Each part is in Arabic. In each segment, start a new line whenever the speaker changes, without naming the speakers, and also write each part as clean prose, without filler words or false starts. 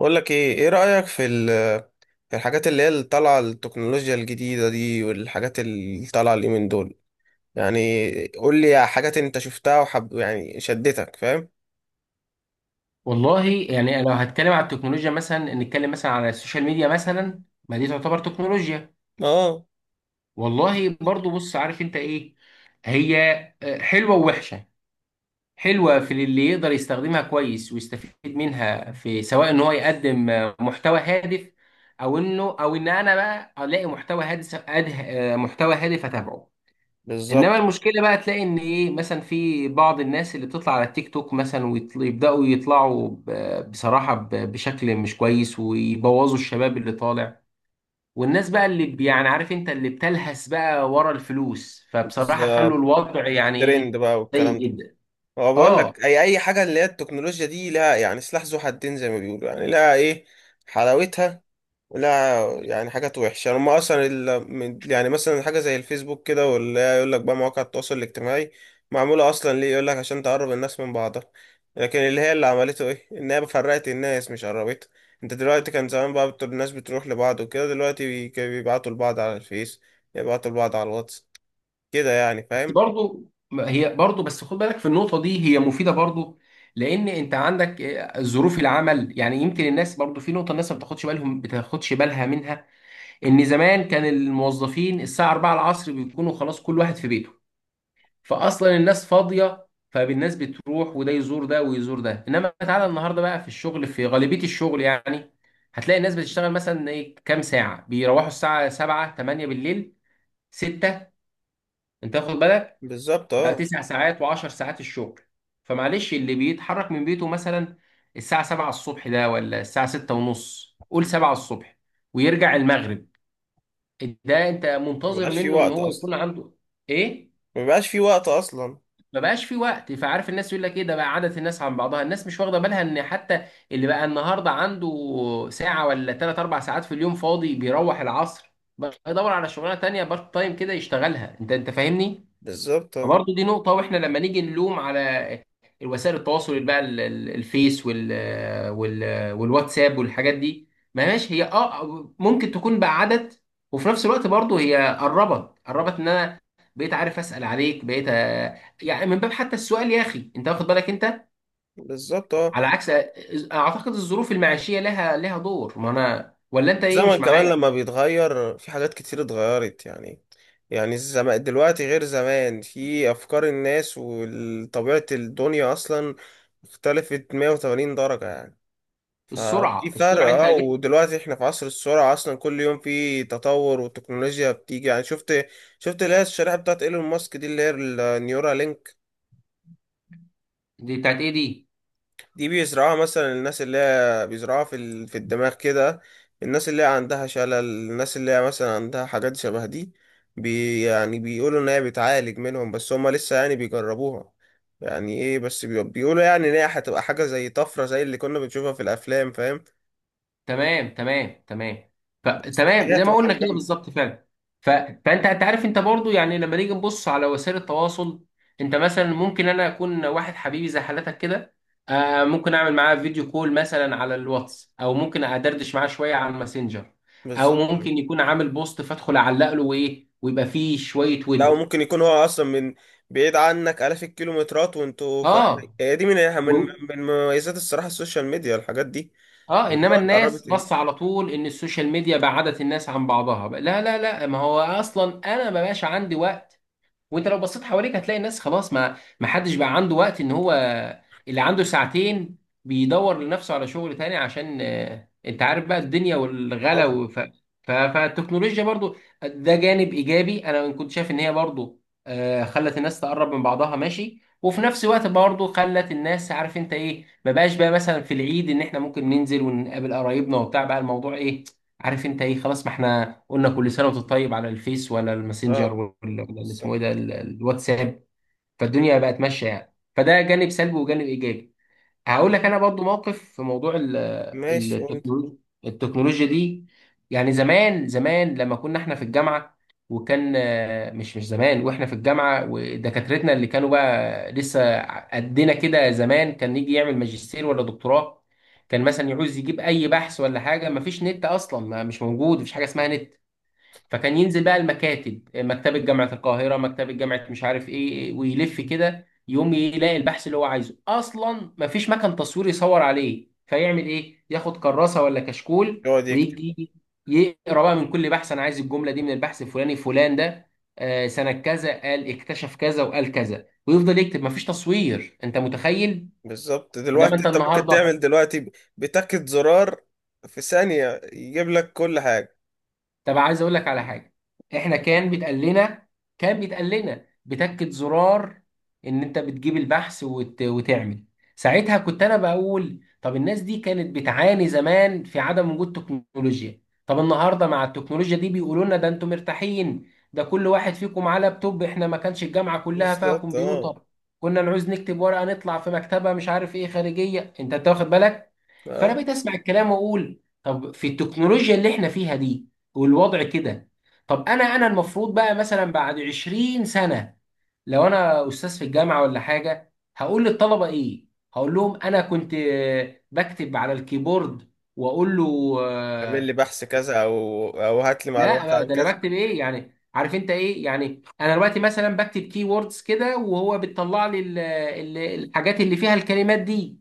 بقول لك ايه رأيك في في الحاجات اللي هي اللي طالعه التكنولوجيا الجديدة دي والحاجات اللي طالعه اليومين دول، يعني قول لي حاجات انت شفتها وحب يعني شدتك، فاهم؟
والله يعني لو هتكلم على التكنولوجيا مثلا نتكلم مثلا على السوشيال ميديا مثلا، ما دي تعتبر تكنولوجيا.
اه.
والله برضو بص عارف انت ايه هي حلوة ووحشة. حلوة في اللي يقدر يستخدمها كويس ويستفيد منها في سواء ان هو يقدم محتوى هادف، او انه او ان انا بقى الاقي محتوى هادف محتوى هادف اتابعه. انما
بالظبط.
المشكله بقى تلاقي ان ايه، مثلا في بعض الناس اللي بتطلع على التيك توك مثلا ويبداوا يطلعوا بصراحه بشكل مش كويس ويبوظوا الشباب اللي طالع، والناس بقى اللي يعني عارف انت اللي بتلهس بقى ورا الفلوس، فبصراحه خلوا
بالظبط،
الوضع يعني
الترند
ايه،
بقى
سيء
والكلام ده.
جدا.
هو بقول
اه.
لك اي حاجة اللي هي التكنولوجيا دي لها يعني سلاح ذو حدين زي ما بيقولوا، يعني لها ايه، حلاوتها. لا، يعني حاجات وحشة هما أصلا يعني مثلا حاجة زي الفيسبوك كده، ولا يقول لك بقى مواقع التواصل الاجتماعي معمولة أصلا ليه، يقول لك عشان تقرب الناس من بعضها، لكن اللي هي اللي عملته إيه؟ إن هي فرقت الناس مش قربتها. أنت دلوقتي كان زمان بقى الناس بتروح لبعض وكده، دلوقتي كانوا بيبعتوا لبعض على الفيس، يبعتوا لبعض على الواتس كده يعني،
بس
فاهم؟
برضو ما هي برضو، بس خد بالك في النقطه دي، هي مفيده برضو، لان انت عندك إيه، ظروف العمل. يعني يمكن الناس برضو في نقطه، الناس ما بتاخدش بالهم، بتاخدش بالها منها، ان زمان كان الموظفين الساعه 4 العصر بيكونوا خلاص كل واحد في بيته، فاصلا الناس فاضيه، فالناس بتروح وده يزور ده ويزور ده. انما تعالى النهارده بقى في الشغل، في غالبيه الشغل يعني هتلاقي الناس بتشتغل مثلا ايه كام ساعه، بيروحوا الساعه 7 8 بالليل، 6، انت واخد بالك؟
بالظبط
بقى
اه.
9 ساعات و10 ساعات الشغل. فمعلش، اللي بيتحرك من بيته مثلا الساعه 7 الصبح، ده ولا الساعه 6 ونص، قول 7 الصبح، ويرجع المغرب، ده انت منتظر
مبيبقاش في
منه ان
وقت
هو
أصلا.
يكون عنده ايه،
مبيبقاش في وقت أصلا.
ما بقاش في وقت. فعارف، الناس يقول لك ايه، ده بقى عادة الناس عن بعضها، الناس مش واخده بالها ان حتى اللي بقى النهارده عنده ساعه ولا 3 4 ساعات في اليوم فاضي، بيروح العصر بقى يدور على شغلانه تانية بارت تايم كده يشتغلها، انت فاهمني.
بالظبط اه.
فبرضه دي نقطة. واحنا لما نيجي نلوم على الوسائل التواصل بقى الفيس وال والواتساب والحاجات دي، ما ماشي، هي اه ممكن تكون بعدت، وفي نفس الوقت برضه هي قربت، ان انا بقيت عارف اسال عليك، بقيت يعني من باب حتى السؤال يا اخي، انت واخد بالك انت،
بالظبط اه.
على عكس. اعتقد الظروف المعيشيه لها دور، ما انا ولا انت ايه، مش
زمن كمان
معايا؟
لما بيتغير، في حاجات كتير اتغيرت يعني. يعني الزمان دلوقتي غير زمان في أفكار الناس وطبيعة الدنيا، أصلا اختلفت 180 درجة يعني. ففي
السرعه
فرق
السرعه انت
اه،
جبت.
ودلوقتي احنا في عصر السرعة أصلا، كل يوم في تطور وتكنولوجيا بتيجي يعني. شفت اللي هي الشريحة بتاعت ايلون ماسك دي، اللي هي النيورالينك.
دي بتاعت ايه دي؟
دي بيزرعوها مثلا الناس، اللي هي بيزرعوها في في الدماغ كده، الناس اللي هي عندها شلل، الناس اللي هي مثلا عندها حاجات شبه دي، يعني بيقولوا ان هي بتعالج منهم، بس هما لسه يعني بيجربوها. يعني ايه، بس بيقولوا يعني ان هي هتبقى حاجة زي طفرة، زي اللي كنا بنشوفها في الافلام، فاهم؟
تمام تمام تمام. تمام
هي
زي ما
هتبقى
قلنا
حاجة
كده،
جامدة.
بالظبط فعلا. فانت عارف، انت برضو يعني لما نيجي نبص على وسائل التواصل، انت مثلا ممكن انا اكون واحد حبيبي زي حالتك كده، ممكن اعمل معاه فيديو كول مثلا على الواتس، او ممكن ادردش معاه شويه على الماسنجر، او
بالظبط.
ممكن يكون عامل بوست فادخل اعلق له وايه، ويبقى فيه شويه
لا،
ود.
وممكن يكون هو اصلا من بعيد عنك آلاف الكيلومترات، وانتوا فاهم.
اه.
هي دي من
و...
مميزات الصراحة السوشيال ميديا، الحاجات دي
اه،
اللي
انما
هو
الناس
قربت.
بص، على طول ان السوشيال ميديا بعدت الناس عن بعضها. لا لا لا، ما هو اصلا انا ما بقاش عندي وقت. وانت لو بصيت حواليك هتلاقي الناس خلاص، ما حدش بقى عنده وقت ان هو، اللي عنده ساعتين بيدور لنفسه على شغل تاني، عشان انت عارف بقى الدنيا والغلا
اه.
فالتكنولوجيا برضو ده جانب ايجابي. انا كنت شايف ان هي برضو خلت الناس تقرب من بعضها، ماشي، وفي نفس الوقت برضو خلت الناس عارف انت ايه، ما بقاش بقى مثلا في العيد ان احنا ممكن ننزل ونقابل قرايبنا وبتاع، بقى الموضوع ايه، عارف انت ايه، خلاص ما احنا قلنا كل سنه وانت طيب على الفيس ولا الماسنجر،
اه.
ولا ولا اللي اسمه
بالظبط.
ايه ده، الواتساب. فالدنيا بقت ماشيه يعني، فده جانب سلبي وجانب ايجابي. هقول لك انا برضو موقف في موضوع
ماشي، قول.
التكنولوجيا. دي يعني زمان، زمان لما كنا احنا في الجامعه، وكان مش زمان واحنا في الجامعه ودكاترتنا اللي كانوا بقى لسه قدنا كده، زمان كان يجي يعمل ماجستير ولا دكتوراه، كان مثلا يعوز يجيب اي بحث ولا حاجه، مفيش نت اصلا، ما مش موجود، مفيش حاجه اسمها نت. فكان ينزل بقى المكاتب، مكتبة جامعة القاهرة، مكتبة جامعة مش عارف ايه، ويلف كده يقوم يلاقي البحث اللي هو عايزه. اصلا مفيش مكان تصوير يصور عليه، فيعمل ايه، ياخد كراسة ولا كشكول،
يقعد يكتب.
ويجي يقرا بقى من كل بحث، انا عايز الجملة دي من البحث الفلاني، فلان ده سنة كذا قال اكتشف كذا وقال كذا، ويفضل يكتب، مفيش تصوير، انت متخيل؟
بالظبط.
انما
دلوقتي
انت
انت ممكن
النهارده.
تعمل دلوقتي بتاكد زرار في ثانية يجيب لك كل حاجة.
طب عايز اقول لك على حاجه، احنا كان بيتقال لنا، بتكة زرار ان انت بتجيب البحث وتعمل. ساعتها كنت انا بقول، طب الناس دي كانت بتعاني زمان في عدم وجود تكنولوجيا، طب النهارده مع التكنولوجيا دي بيقولوا لنا، ده انتم مرتاحين، ده كل واحد فيكم معاه لابتوب. احنا ما كانش الجامعه كلها فيها
بالظبط اه.
كمبيوتر، كنا نعوز نكتب ورقه نطلع في مكتبه مش عارف ايه خارجيه، انت واخد بالك. فانا
اه،
بقيت اسمع الكلام واقول، طب في التكنولوجيا اللي احنا فيها دي والوضع كده، طب انا المفروض بقى مثلا بعد 20 سنة، لو انا استاذ في الجامعة ولا حاجة، هقول للطلبة ايه؟ هقول لهم انا كنت بكتب على الكيبورد، واقول له
اعمل لي بحث كذا او هات لي معلومات
لا،
عن
ده انا
كذا.
بكتب ايه يعني، عارف انت ايه، يعني انا دلوقتي مثلا بكتب كيوردز كده وهو بتطلع لي الحاجات اللي فيها الكلمات دي.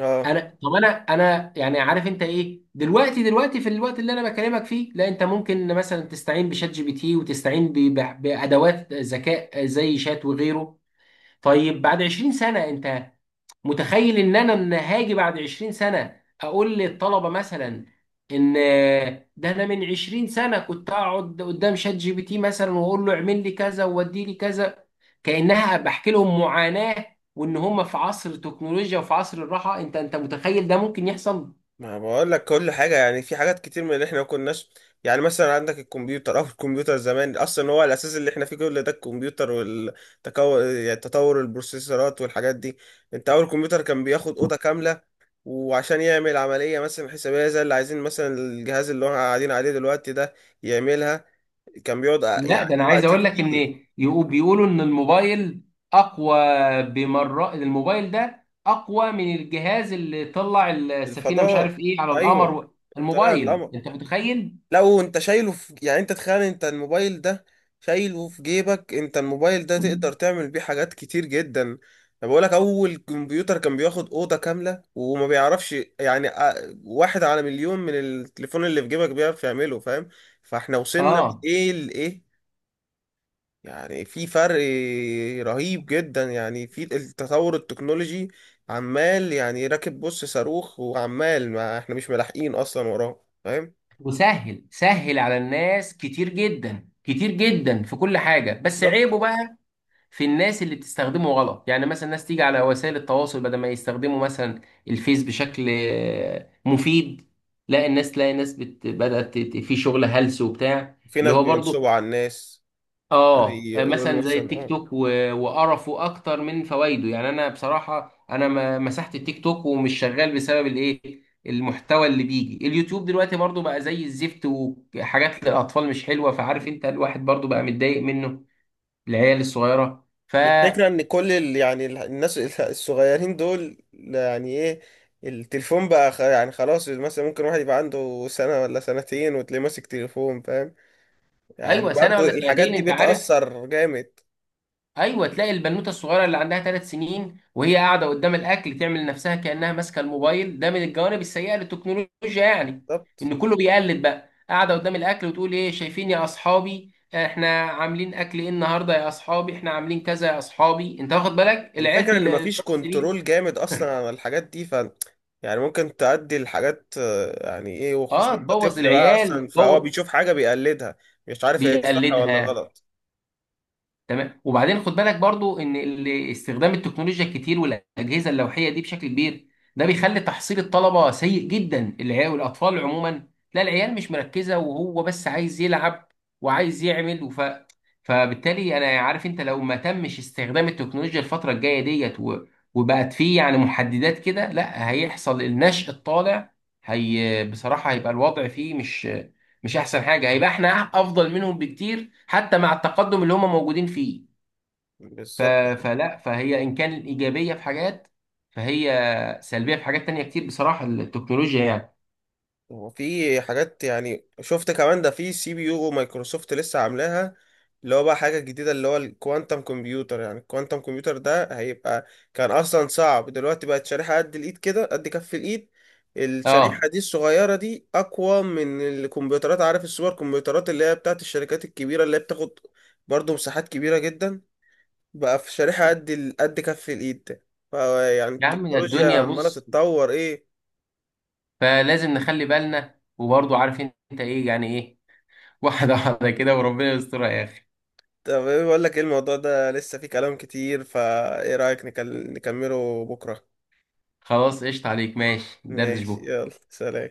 اه.
طب انا يعني عارف انت ايه، دلوقتي في الوقت اللي انا بكلمك فيه، لا، انت ممكن مثلا تستعين بشات جي بي تي وتستعين بادوات ذكاء زي شات وغيره. طيب بعد 20 سنه، انت متخيل ان انا من هاجي بعد 20 سنه اقول للطلبه مثلا، ان ده انا من 20 سنه كنت اقعد قدام شات جي بي تي مثلا واقول له اعمل لي كذا وودي لي كذا، كانها بحكي لهم معاناه، وان هم في عصر التكنولوجيا وفي عصر الراحه، انت متخيل ده ممكن يحصل؟
ما بقول لك كل حاجة يعني، في حاجات كتير من اللي احنا ما كناش. يعني مثلا عندك الكمبيوتر زمان اصلا هو الاساس اللي احنا فيه. كل ده الكمبيوتر يعني تطور البروسيسورات والحاجات دي. انت اول كمبيوتر كان بياخد اوضة كاملة، وعشان يعمل عملية مثلا حسابية زي اللي عايزين، مثلا الجهاز اللي احنا قاعدين عليه دلوقتي ده يعملها، كان بيقعد
لا، ده انا
يعني
عايز
وقت
اقول لك ان،
كتير.
بيقولوا ان الموبايل اقوى بمرات، الموبايل ده اقوى من الجهاز اللي طلع السفينه مش
الفضاء.
عارف ايه على
ايوه،
القمر.
طلع
الموبايل،
القمر.
انت متخيل؟
لا، وانت شايله في يعني، انت تخيل انت الموبايل ده شايله في جيبك، انت الموبايل ده تقدر تعمل بيه حاجات كتير جدا. انا بقولك اول كمبيوتر كان بياخد اوضة كاملة وما بيعرفش يعني واحد على مليون من التليفون اللي في جيبك بيعرف يعمله، فاهم؟ فاحنا وصلنا
اه.
من ايه لايه، يعني في فرق رهيب جدا يعني في التطور التكنولوجي، عمال يعني راكب بص صاروخ، وعمال ما احنا مش ملاحقين اصلا وراه، فاهم؟
وسهل سهل على الناس، كتير جدا كتير جدا في كل حاجه، بس
بالظبط.
عيبه بقى في الناس اللي بتستخدمه غلط. يعني مثلا ناس تيجي على وسائل التواصل بدل ما يستخدموا مثلا الفيس بشكل مفيد، لا، الناس تلاقي ناس بدأت في شغل هلس وبتاع،
في
اللي
ناس
هو
بينصبوا
برضو
على الناس.
اه مثلا
يقولوا
زي
مثلا
التيك
اه.
توك وقرفه اكتر من فوائده، يعني انا بصراحة انا ما... مسحت التيك توك ومش شغال بسبب الايه المحتوى اللي بيجي. اليوتيوب دلوقتي برضو بقى زي الزفت، وحاجات للاطفال مش حلوة، فعارف انت الواحد برضو بقى متضايق منه. العيال الصغيرة.
الفكرة ان كل يعني الناس الصغيرين دول يعني ايه، التليفون بقى يعني خلاص، مثلا ممكن واحد يبقى عنده سنة ولا سنتين وتلاقيه ماسك تليفون، فاهم؟ يعني
ايوه، سنه
برضو
ولا
الحاجات
سنتين،
دي
انت عارف؟
بتأثر جامد.
ايوه، تلاقي البنوته الصغيره اللي عندها 3 سنين وهي قاعده قدام الاكل تعمل نفسها كانها ماسكه الموبايل، ده من الجوانب السيئه للتكنولوجيا يعني.
بالظبط.
ان كله بيقلد، بقى قاعده قدام الاكل وتقول ايه، شايفين يا اصحابي احنا عاملين اكل ايه النهارده، يا اصحابي احنا عاملين كذا يا اصحابي، انت واخد بالك العيال
الفكرة ان
اللي
مفيش
بتبوظ دي.
كنترول جامد اصلا على الحاجات دي، يعني ممكن تأدي الحاجات، يعني ايه، وخصوصا
اه،
انت
تبوظ
طفل بقى
العيال
اصلا، فهو
وتبوظ،
بيشوف حاجة بيقلدها، مش عارف هي دي صح ولا
بيقلدها.
غلط.
تمام. وبعدين خد بالك برضو ان استخدام التكنولوجيا الكتير والاجهزه اللوحيه دي بشكل كبير، ده بيخلي تحصيل الطلبه سيء جدا، العيال والاطفال عموما، لا، العيال مش مركزه وهو بس عايز يلعب وعايز يعمل فبالتالي انا، عارف انت، لو ما تمش استخدام التكنولوجيا الفتره الجايه ديت وبقت فيه يعني محددات كده، لا هيحصل النشء الطالع. هي بصراحه هيبقى الوضع فيه مش احسن حاجه، هيبقى احنا افضل منهم بكتير حتى مع التقدم اللي هم موجودين فيه. ف...
بالظبط.
فلا، فهي ان كان ايجابيه في حاجات، فهي سلبيه في حاجات تانية كتير بصراحه، التكنولوجيا يعني.
هو في حاجات يعني، شفت كمان ده في سي بي يو مايكروسوفت لسه عاملاها، اللي هو بقى حاجة جديدة اللي هو الكوانتم كمبيوتر، يعني الكوانتم كمبيوتر ده هيبقى، كان أصلا صعب، دلوقتي بقت شريحة قد الإيد كده قد كف الإيد. الشريحة
اه.
دي الصغيرة دي أقوى من الكمبيوترات، عارف السوبر كمبيوترات اللي هي بتاعت الشركات الكبيرة، اللي هي بتاخد برضه مساحات كبيرة جدا، بقى في شريحة قد قد كف الإيد ده، فيعني
يا عم يا
التكنولوجيا
الدنيا
عمالة
بص،
تتطور إيه.
فلازم نخلي بالنا. وبرضه عارف انت ايه يعني ايه، واحده واحده كده، وربنا يسترها يا اخي.
طب إيه، بقول لك ايه، الموضوع ده لسه فيه كلام كتير، فايه رأيك نكمله بكرة.
خلاص، قشطه، عليك، ماشي، دردش
ماشي،
بكره.
يلا سلام.